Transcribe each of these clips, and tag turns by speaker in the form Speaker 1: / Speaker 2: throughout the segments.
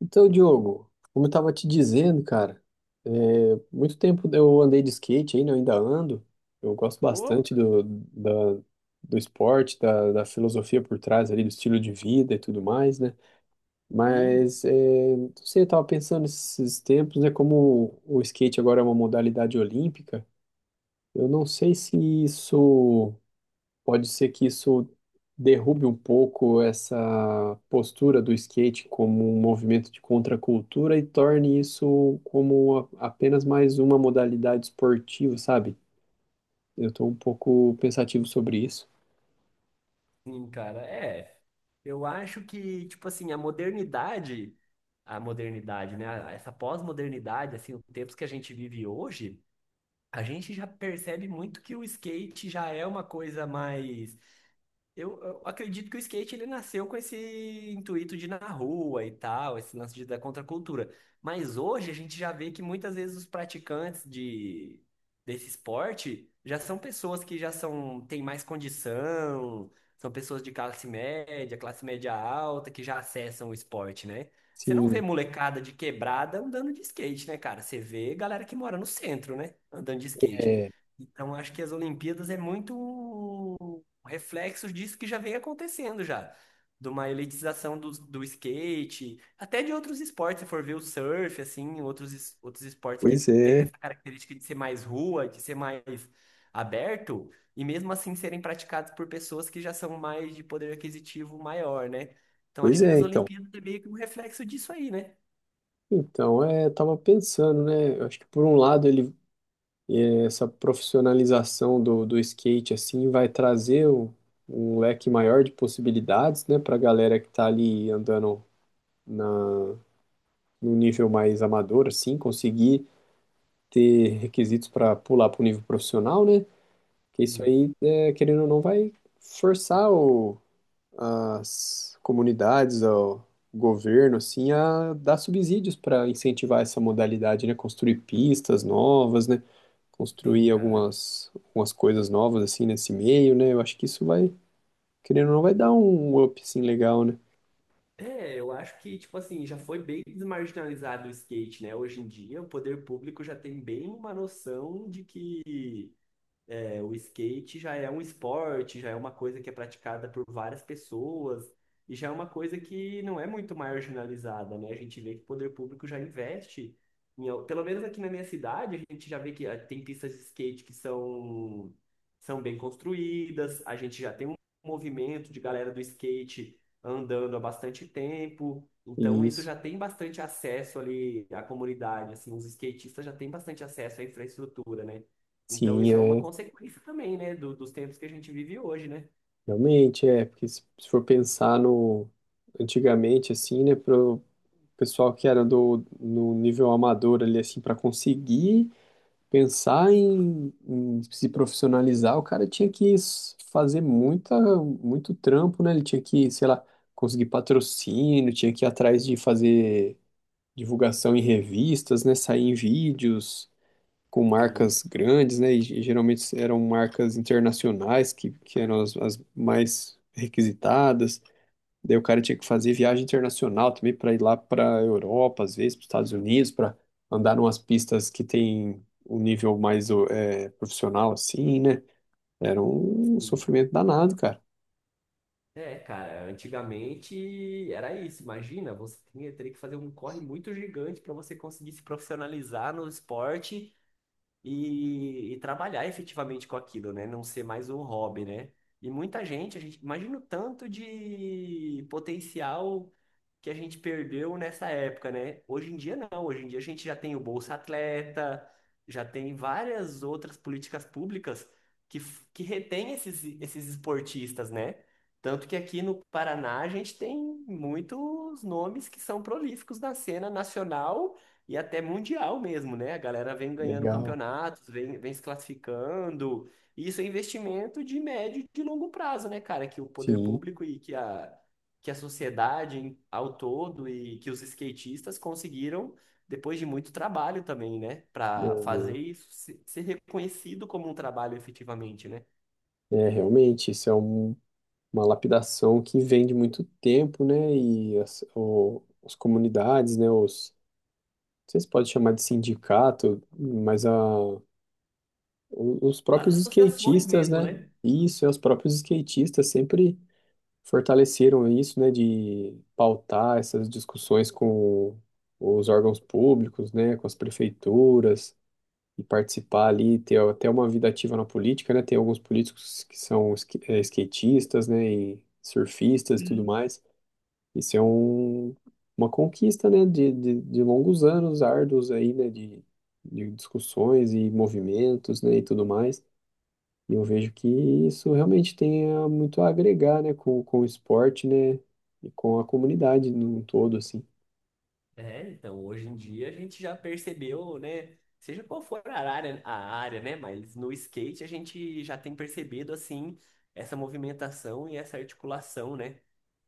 Speaker 1: Então, Diogo, como eu tava te dizendo, cara, é, muito tempo eu andei de skate ainda, eu ainda ando. Eu gosto
Speaker 2: Oh,
Speaker 1: bastante do esporte, da filosofia por trás ali, do estilo de vida e tudo mais, né?
Speaker 2: sim,
Speaker 1: Mas, não sei, eu tava pensando nesses tempos, né? Como o skate agora é uma modalidade olímpica, eu não sei se isso. Pode ser que isso derrube um pouco essa postura do skate como um movimento de contracultura e torne isso como apenas mais uma modalidade esportiva, sabe? Eu estou um pouco pensativo sobre isso.
Speaker 2: sim, cara. É, eu acho que, tipo assim, a modernidade, né? Essa pós-modernidade, assim, os tempos que a gente vive hoje, a gente já percebe muito que o skate já é uma coisa mais. Eu acredito que o skate ele nasceu com esse intuito de ir na rua e tal, esse lance da contracultura. Mas hoje a gente já vê que muitas vezes os praticantes desse esporte já são pessoas que já são, têm mais condição, são pessoas de classe média alta, que já acessam o esporte, né? Você não vê
Speaker 1: Sim,
Speaker 2: molecada de quebrada andando de skate, né, cara? Você vê galera que mora no centro, né, andando de skate.
Speaker 1: é,
Speaker 2: Então, acho que as Olimpíadas é muito reflexos disso que já vem acontecendo já. De uma elitização do skate, até de outros esportes, se for ver o surf, assim, outros, outros esportes que
Speaker 1: pois
Speaker 2: têm
Speaker 1: é,
Speaker 2: essa característica de ser mais rua, de ser mais aberto, e mesmo assim serem praticados por pessoas que já são mais de poder aquisitivo maior, né? Então acho
Speaker 1: pois
Speaker 2: que
Speaker 1: é,
Speaker 2: nas
Speaker 1: então.
Speaker 2: Olimpíadas é meio que um reflexo disso aí, né?
Speaker 1: Então, tava pensando, né? Eu acho que por um lado essa profissionalização do skate assim vai trazer um, um leque maior de possibilidades, né, para a galera que tá ali andando na, num nível mais amador, assim, conseguir ter requisitos para pular para o nível profissional, né? Que isso
Speaker 2: Sim,
Speaker 1: aí, querendo ou não, vai forçar as comunidades, o governo, assim, a dar subsídios para incentivar essa modalidade, né? Construir pistas novas, né?
Speaker 2: sim,
Speaker 1: Construir
Speaker 2: cara.
Speaker 1: algumas coisas novas, assim, nesse meio, né? Eu acho que isso vai, querendo ou não, vai dar um up, assim, legal, né?
Speaker 2: É, eu acho que, tipo assim, já foi bem desmarginalizado o skate, né? Hoje em dia, o poder público já tem bem uma noção de que é, o skate já é um esporte, já é uma coisa que é praticada por várias pessoas e já é uma coisa que não é muito marginalizada, né? A gente vê que o poder público já investe, em pelo menos aqui na minha cidade, a gente já vê que ah, tem pistas de skate que são, são bem construídas, a gente já tem um movimento de galera do skate andando há bastante tempo. Então,
Speaker 1: E
Speaker 2: isso
Speaker 1: isso,
Speaker 2: já tem bastante acesso ali à comunidade, assim, os skatistas já têm bastante acesso à infraestrutura, né? Então,
Speaker 1: sim,
Speaker 2: isso é uma
Speaker 1: é
Speaker 2: consequência também, né, dos tempos que a gente vive hoje, né?
Speaker 1: realmente, é, porque se for pensar no antigamente, assim, né, pro pessoal que era do no nível amador ali, assim, para conseguir pensar em, em se profissionalizar, o cara tinha que fazer muita, muito trampo, né? Ele tinha que, sei lá, conseguir patrocínio, tinha que ir atrás de fazer divulgação em revistas, né, sair em vídeos com
Speaker 2: Sim,
Speaker 1: marcas grandes, né? E geralmente eram marcas internacionais que eram as mais requisitadas. Daí o cara tinha que fazer viagem internacional também para ir lá para a Europa, às vezes para os Estados Unidos, para andar umas pistas que tem um nível mais profissional, assim, né? Era um
Speaker 2: sim.
Speaker 1: sofrimento danado, cara.
Speaker 2: É, cara, antigamente era isso. Imagina, você tinha, teria que fazer um corre muito gigante para você conseguir se profissionalizar no esporte e trabalhar efetivamente com aquilo, né? Não ser mais um hobby, né? E muita gente, a gente imagina o tanto de potencial que a gente perdeu nessa época, né? Hoje em dia não, hoje em dia a gente já tem o Bolsa Atleta, já tem várias outras políticas públicas que, que retém esses, esses esportistas, né? Tanto que aqui no Paraná a gente tem muitos nomes que são prolíficos na cena nacional e até mundial mesmo, né? A galera vem ganhando
Speaker 1: Legal.
Speaker 2: campeonatos, vem, vem se classificando. E isso é investimento de médio e de longo prazo, né, cara? Que o poder
Speaker 1: Sim.
Speaker 2: público e que a sociedade ao todo e que os skatistas conseguiram depois de muito trabalho também, né? Para
Speaker 1: É,
Speaker 2: fazer isso ser reconhecido como um trabalho efetivamente, né?
Speaker 1: é, realmente, isso é uma lapidação que vem de muito tempo, né? E as comunidades, né? Sei se pode chamar de sindicato, mas o- os
Speaker 2: As
Speaker 1: próprios
Speaker 2: associações
Speaker 1: skatistas,
Speaker 2: mesmo,
Speaker 1: né?
Speaker 2: né?
Speaker 1: Isso, é, os próprios skatistas sempre fortaleceram isso, né? De pautar essas discussões com os órgãos públicos, né? Com as prefeituras e participar ali, ter até uma vida ativa na política, né? Tem alguns políticos que são skatistas, né? E surfistas e tudo mais. Isso é um, uma conquista, né, de longos anos árduos aí, né, de discussões e movimentos, né, e tudo mais. E eu vejo que isso realmente muito a agregar, né, com o esporte, né, e com a comunidade num todo, assim.
Speaker 2: É, então, hoje em dia a gente já percebeu, né? Seja qual for a área, né? Mas no skate a gente já tem percebido, assim, essa movimentação e essa articulação, né?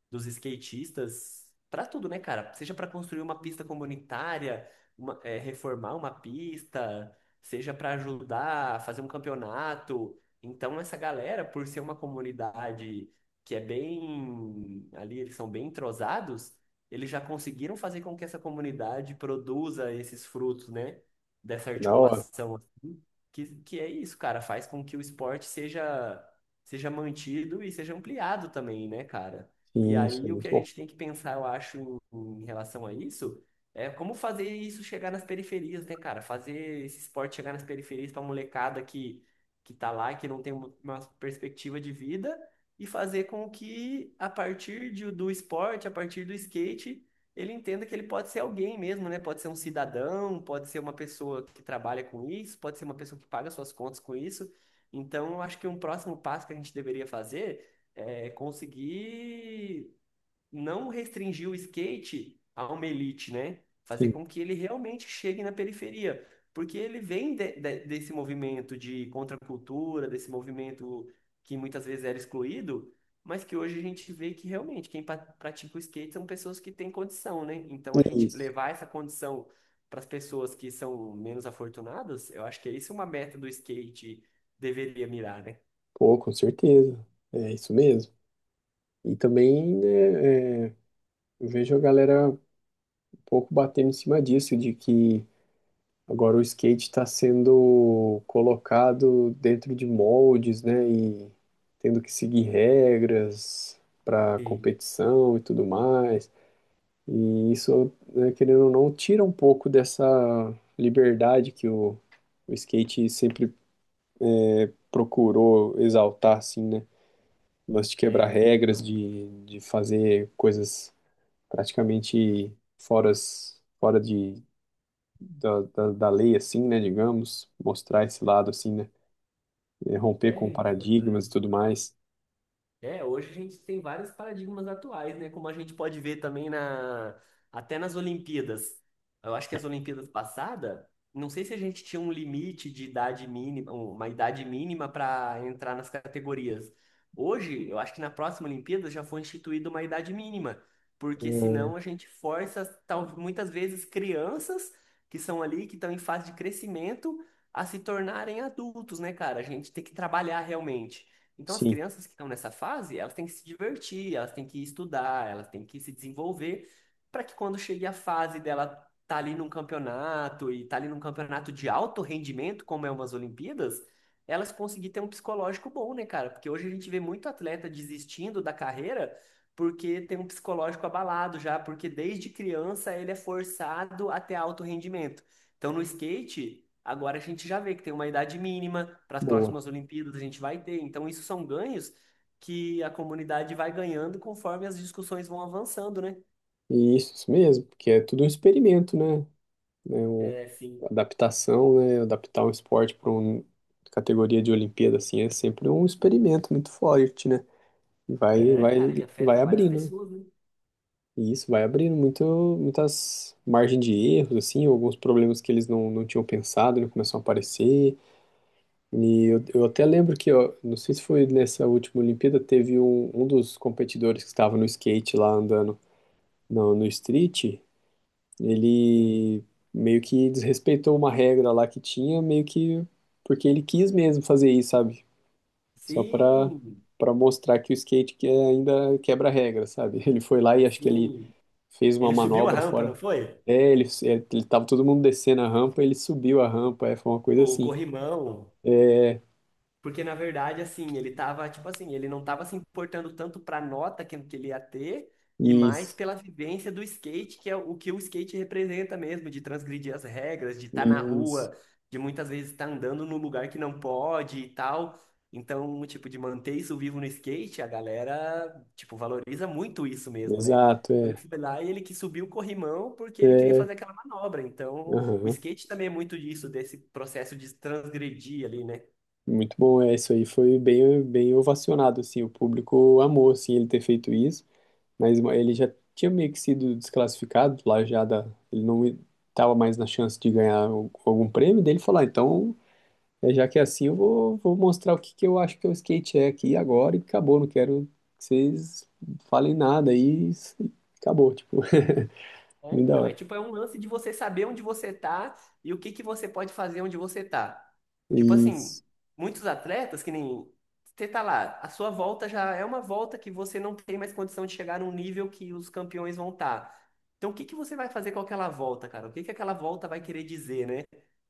Speaker 2: Dos skatistas para tudo, né, cara? Seja para construir uma pista comunitária, reformar uma pista, seja para ajudar a fazer um campeonato. Então, essa galera, por ser uma comunidade que é bem, ali eles são bem entrosados, eles já conseguiram fazer com que essa comunidade produza esses frutos, né? Dessa
Speaker 1: Da hora.
Speaker 2: articulação, assim, que é isso, cara, faz com que o esporte seja, seja mantido e seja ampliado também, né, cara? E
Speaker 1: Sim, isso é
Speaker 2: aí o
Speaker 1: muito
Speaker 2: que a
Speaker 1: bom.
Speaker 2: gente tem que pensar, eu acho, em relação a isso, é como fazer isso chegar nas periferias, né, cara? Fazer esse esporte chegar nas periferias pra molecada que tá lá, que não tem uma perspectiva de vida, e fazer com que, a partir do esporte, a partir do skate, ele entenda que ele pode ser alguém mesmo, né? Pode ser um cidadão, pode ser uma pessoa que trabalha com isso, pode ser uma pessoa que paga suas contas com isso. Então, eu acho que um próximo passo que a gente deveria fazer é, conseguir não restringir o skate a uma elite, né? Fazer
Speaker 1: Sim,
Speaker 2: com que ele realmente chegue na periferia. Porque ele vem desse movimento de contracultura, desse movimento que muitas vezes era excluído, mas que hoje a gente vê que realmente quem pratica o skate são pessoas que têm condição, né? Então a gente
Speaker 1: isso.
Speaker 2: levar essa condição para as pessoas que são menos afortunadas, eu acho que é isso uma meta do skate deveria mirar, né?
Speaker 1: Pô, com certeza. É isso mesmo. E também, né, eu vejo a galera um pouco batendo em cima disso, de que agora o skate está sendo colocado dentro de moldes, né? E tendo que seguir regras para
Speaker 2: Sim,
Speaker 1: competição e tudo mais. E isso, né, querendo ou não, tira um pouco dessa liberdade que o skate sempre procurou exaltar, assim, né? O lance de quebrar
Speaker 2: é,
Speaker 1: regras,
Speaker 2: então.
Speaker 1: de fazer coisas praticamente fora, fora de, da, da, da lei, assim, né? Digamos, mostrar esse lado, assim, né? É, romper
Speaker 2: É,
Speaker 1: com
Speaker 2: então, cara.
Speaker 1: paradigmas e tudo mais.
Speaker 2: É, hoje a gente tem vários paradigmas atuais, né? Como a gente pode ver também na até nas Olimpíadas. Eu acho que as Olimpíadas passadas, não sei se a gente tinha um limite de idade mínima, um, uma idade mínima para entrar nas categorias. Hoje, eu acho que na próxima Olimpíada já foi instituída uma idade mínima, porque
Speaker 1: É,
Speaker 2: senão a gente força, tal, muitas vezes, crianças que são ali, que estão em fase de crescimento, a se tornarem adultos, né, cara? A gente tem que trabalhar realmente. Então, as
Speaker 1: sim,
Speaker 2: crianças que estão nessa fase, elas têm que se divertir, elas têm que estudar, elas têm que se desenvolver, para que quando chegue a fase dela tá ali num campeonato e tá ali num campeonato de alto rendimento, como é umas Olimpíadas, elas conseguir ter um psicológico bom, né, cara? Porque hoje a gente vê muito atleta desistindo da carreira porque tem um psicológico abalado já, porque desde criança ele é forçado a ter alto rendimento. Então, no skate, agora a gente já vê que tem uma idade mínima para as
Speaker 1: boa.
Speaker 2: próximas Olimpíadas, a gente vai ter. Então, isso são ganhos que a comunidade vai ganhando conforme as discussões vão avançando, né?
Speaker 1: E isso mesmo, porque é tudo um experimento, né? Né, o,
Speaker 2: É,
Speaker 1: a
Speaker 2: sim.
Speaker 1: adaptação, né? Adaptar um esporte para uma categoria de Olimpíada, assim, é sempre um experimento muito forte, né? E
Speaker 2: É, cara, e
Speaker 1: vai
Speaker 2: afeta várias
Speaker 1: abrindo, né?
Speaker 2: pessoas, né?
Speaker 1: E isso vai abrindo muito, muitas margens de erros, assim, alguns problemas que eles não, não tinham pensado, né, começam a aparecer. E eu até lembro que, ó, não sei se foi nessa última Olimpíada, teve um, um dos competidores que estava no skate lá andando no street,
Speaker 2: Sim.
Speaker 1: ele meio que desrespeitou uma regra lá que tinha, meio que porque ele quis mesmo fazer isso, sabe? Só
Speaker 2: Sim,
Speaker 1: para mostrar que o skate que ainda quebra a regra, sabe? Ele foi lá e acho que ele
Speaker 2: sim.
Speaker 1: fez uma
Speaker 2: Ele subiu a
Speaker 1: manobra
Speaker 2: rampa,
Speaker 1: fora.
Speaker 2: não foi?
Speaker 1: É, ele tava todo mundo descendo a rampa, ele subiu a rampa, é, foi uma coisa
Speaker 2: O
Speaker 1: assim.
Speaker 2: corrimão. Porque, na verdade, assim, ele tava, tipo assim, ele não tava se importando tanto pra nota que ele ia ter, e mais
Speaker 1: Isso,
Speaker 2: pela vivência do skate, que é o que o skate representa mesmo, de transgredir as regras, de estar na
Speaker 1: isso.
Speaker 2: rua, de muitas vezes estar andando num lugar que não pode e tal. Então, tipo, de manter isso vivo no skate, a galera, tipo, valoriza muito isso mesmo, né?
Speaker 1: Exato,
Speaker 2: Então, ele
Speaker 1: é.
Speaker 2: foi lá e ele que subiu o corrimão porque ele queria
Speaker 1: É,
Speaker 2: fazer aquela manobra. Então, o
Speaker 1: aham.
Speaker 2: skate também é muito disso, desse processo de transgredir ali, né?
Speaker 1: Muito bom, é, isso aí foi bem, bem ovacionado, assim, o público amou, assim, ele ter feito isso, mas ele já tinha meio que sido desclassificado lá já da, ele não estava mais na chance de ganhar algum prêmio, dele falar, então, é, já que é assim, eu vou mostrar o que que eu acho que é o skate é aqui agora e acabou, não quero que vocês falem nada e acabou, tipo,
Speaker 2: É,
Speaker 1: muito da
Speaker 2: então, é
Speaker 1: hora.
Speaker 2: tipo, é um lance de você saber onde você tá e o que que você pode fazer onde você tá. Tipo
Speaker 1: E
Speaker 2: assim, muitos atletas, que nem você tá lá, a sua volta já é uma volta que você não tem mais condição de chegar num nível que os campeões vão estar. Então, o que que você vai fazer com aquela volta, cara? O que que aquela volta vai querer dizer, né?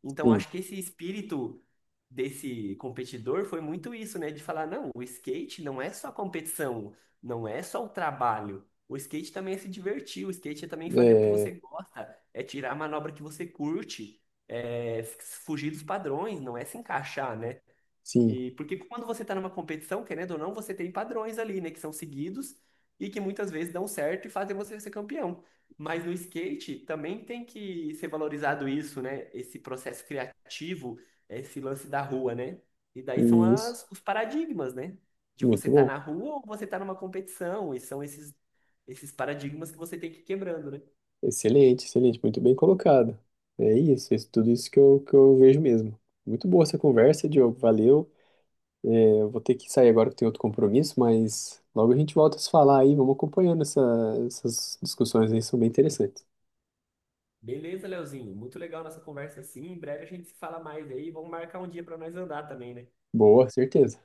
Speaker 2: Então,
Speaker 1: sim,
Speaker 2: acho que esse espírito desse competidor foi muito isso, né? De falar, não, o skate não é só competição, não é só o trabalho. O skate também é se divertir, o skate é também fazer o que você
Speaker 1: é,
Speaker 2: gosta, é tirar a manobra que você curte, é fugir dos padrões, não é se encaixar, né?
Speaker 1: sim,
Speaker 2: E porque quando você está numa competição, querendo ou não, você tem padrões ali, né, que são seguidos e que muitas vezes dão certo e fazem você ser campeão. Mas no skate também tem que ser valorizado isso, né? Esse processo criativo, esse lance da rua, né? E daí são
Speaker 1: e isso,
Speaker 2: as, os paradigmas, né? De você
Speaker 1: muito
Speaker 2: estar
Speaker 1: bom.
Speaker 2: na rua ou você estar numa competição, e são esses paradigmas que você tem que ir quebrando, né?
Speaker 1: Excelente, excelente, muito bem colocado. É isso tudo isso que que eu vejo mesmo. Muito boa essa conversa, Diogo, valeu. É, eu vou ter que sair agora que tem outro compromisso, mas logo a gente volta a se falar aí, vamos acompanhando essas discussões aí, são bem interessantes.
Speaker 2: Beleza, Leozinho, muito legal nossa conversa assim. Em breve a gente se fala mais aí, vamos marcar um dia para nós andar também, né?
Speaker 1: Boa, certeza.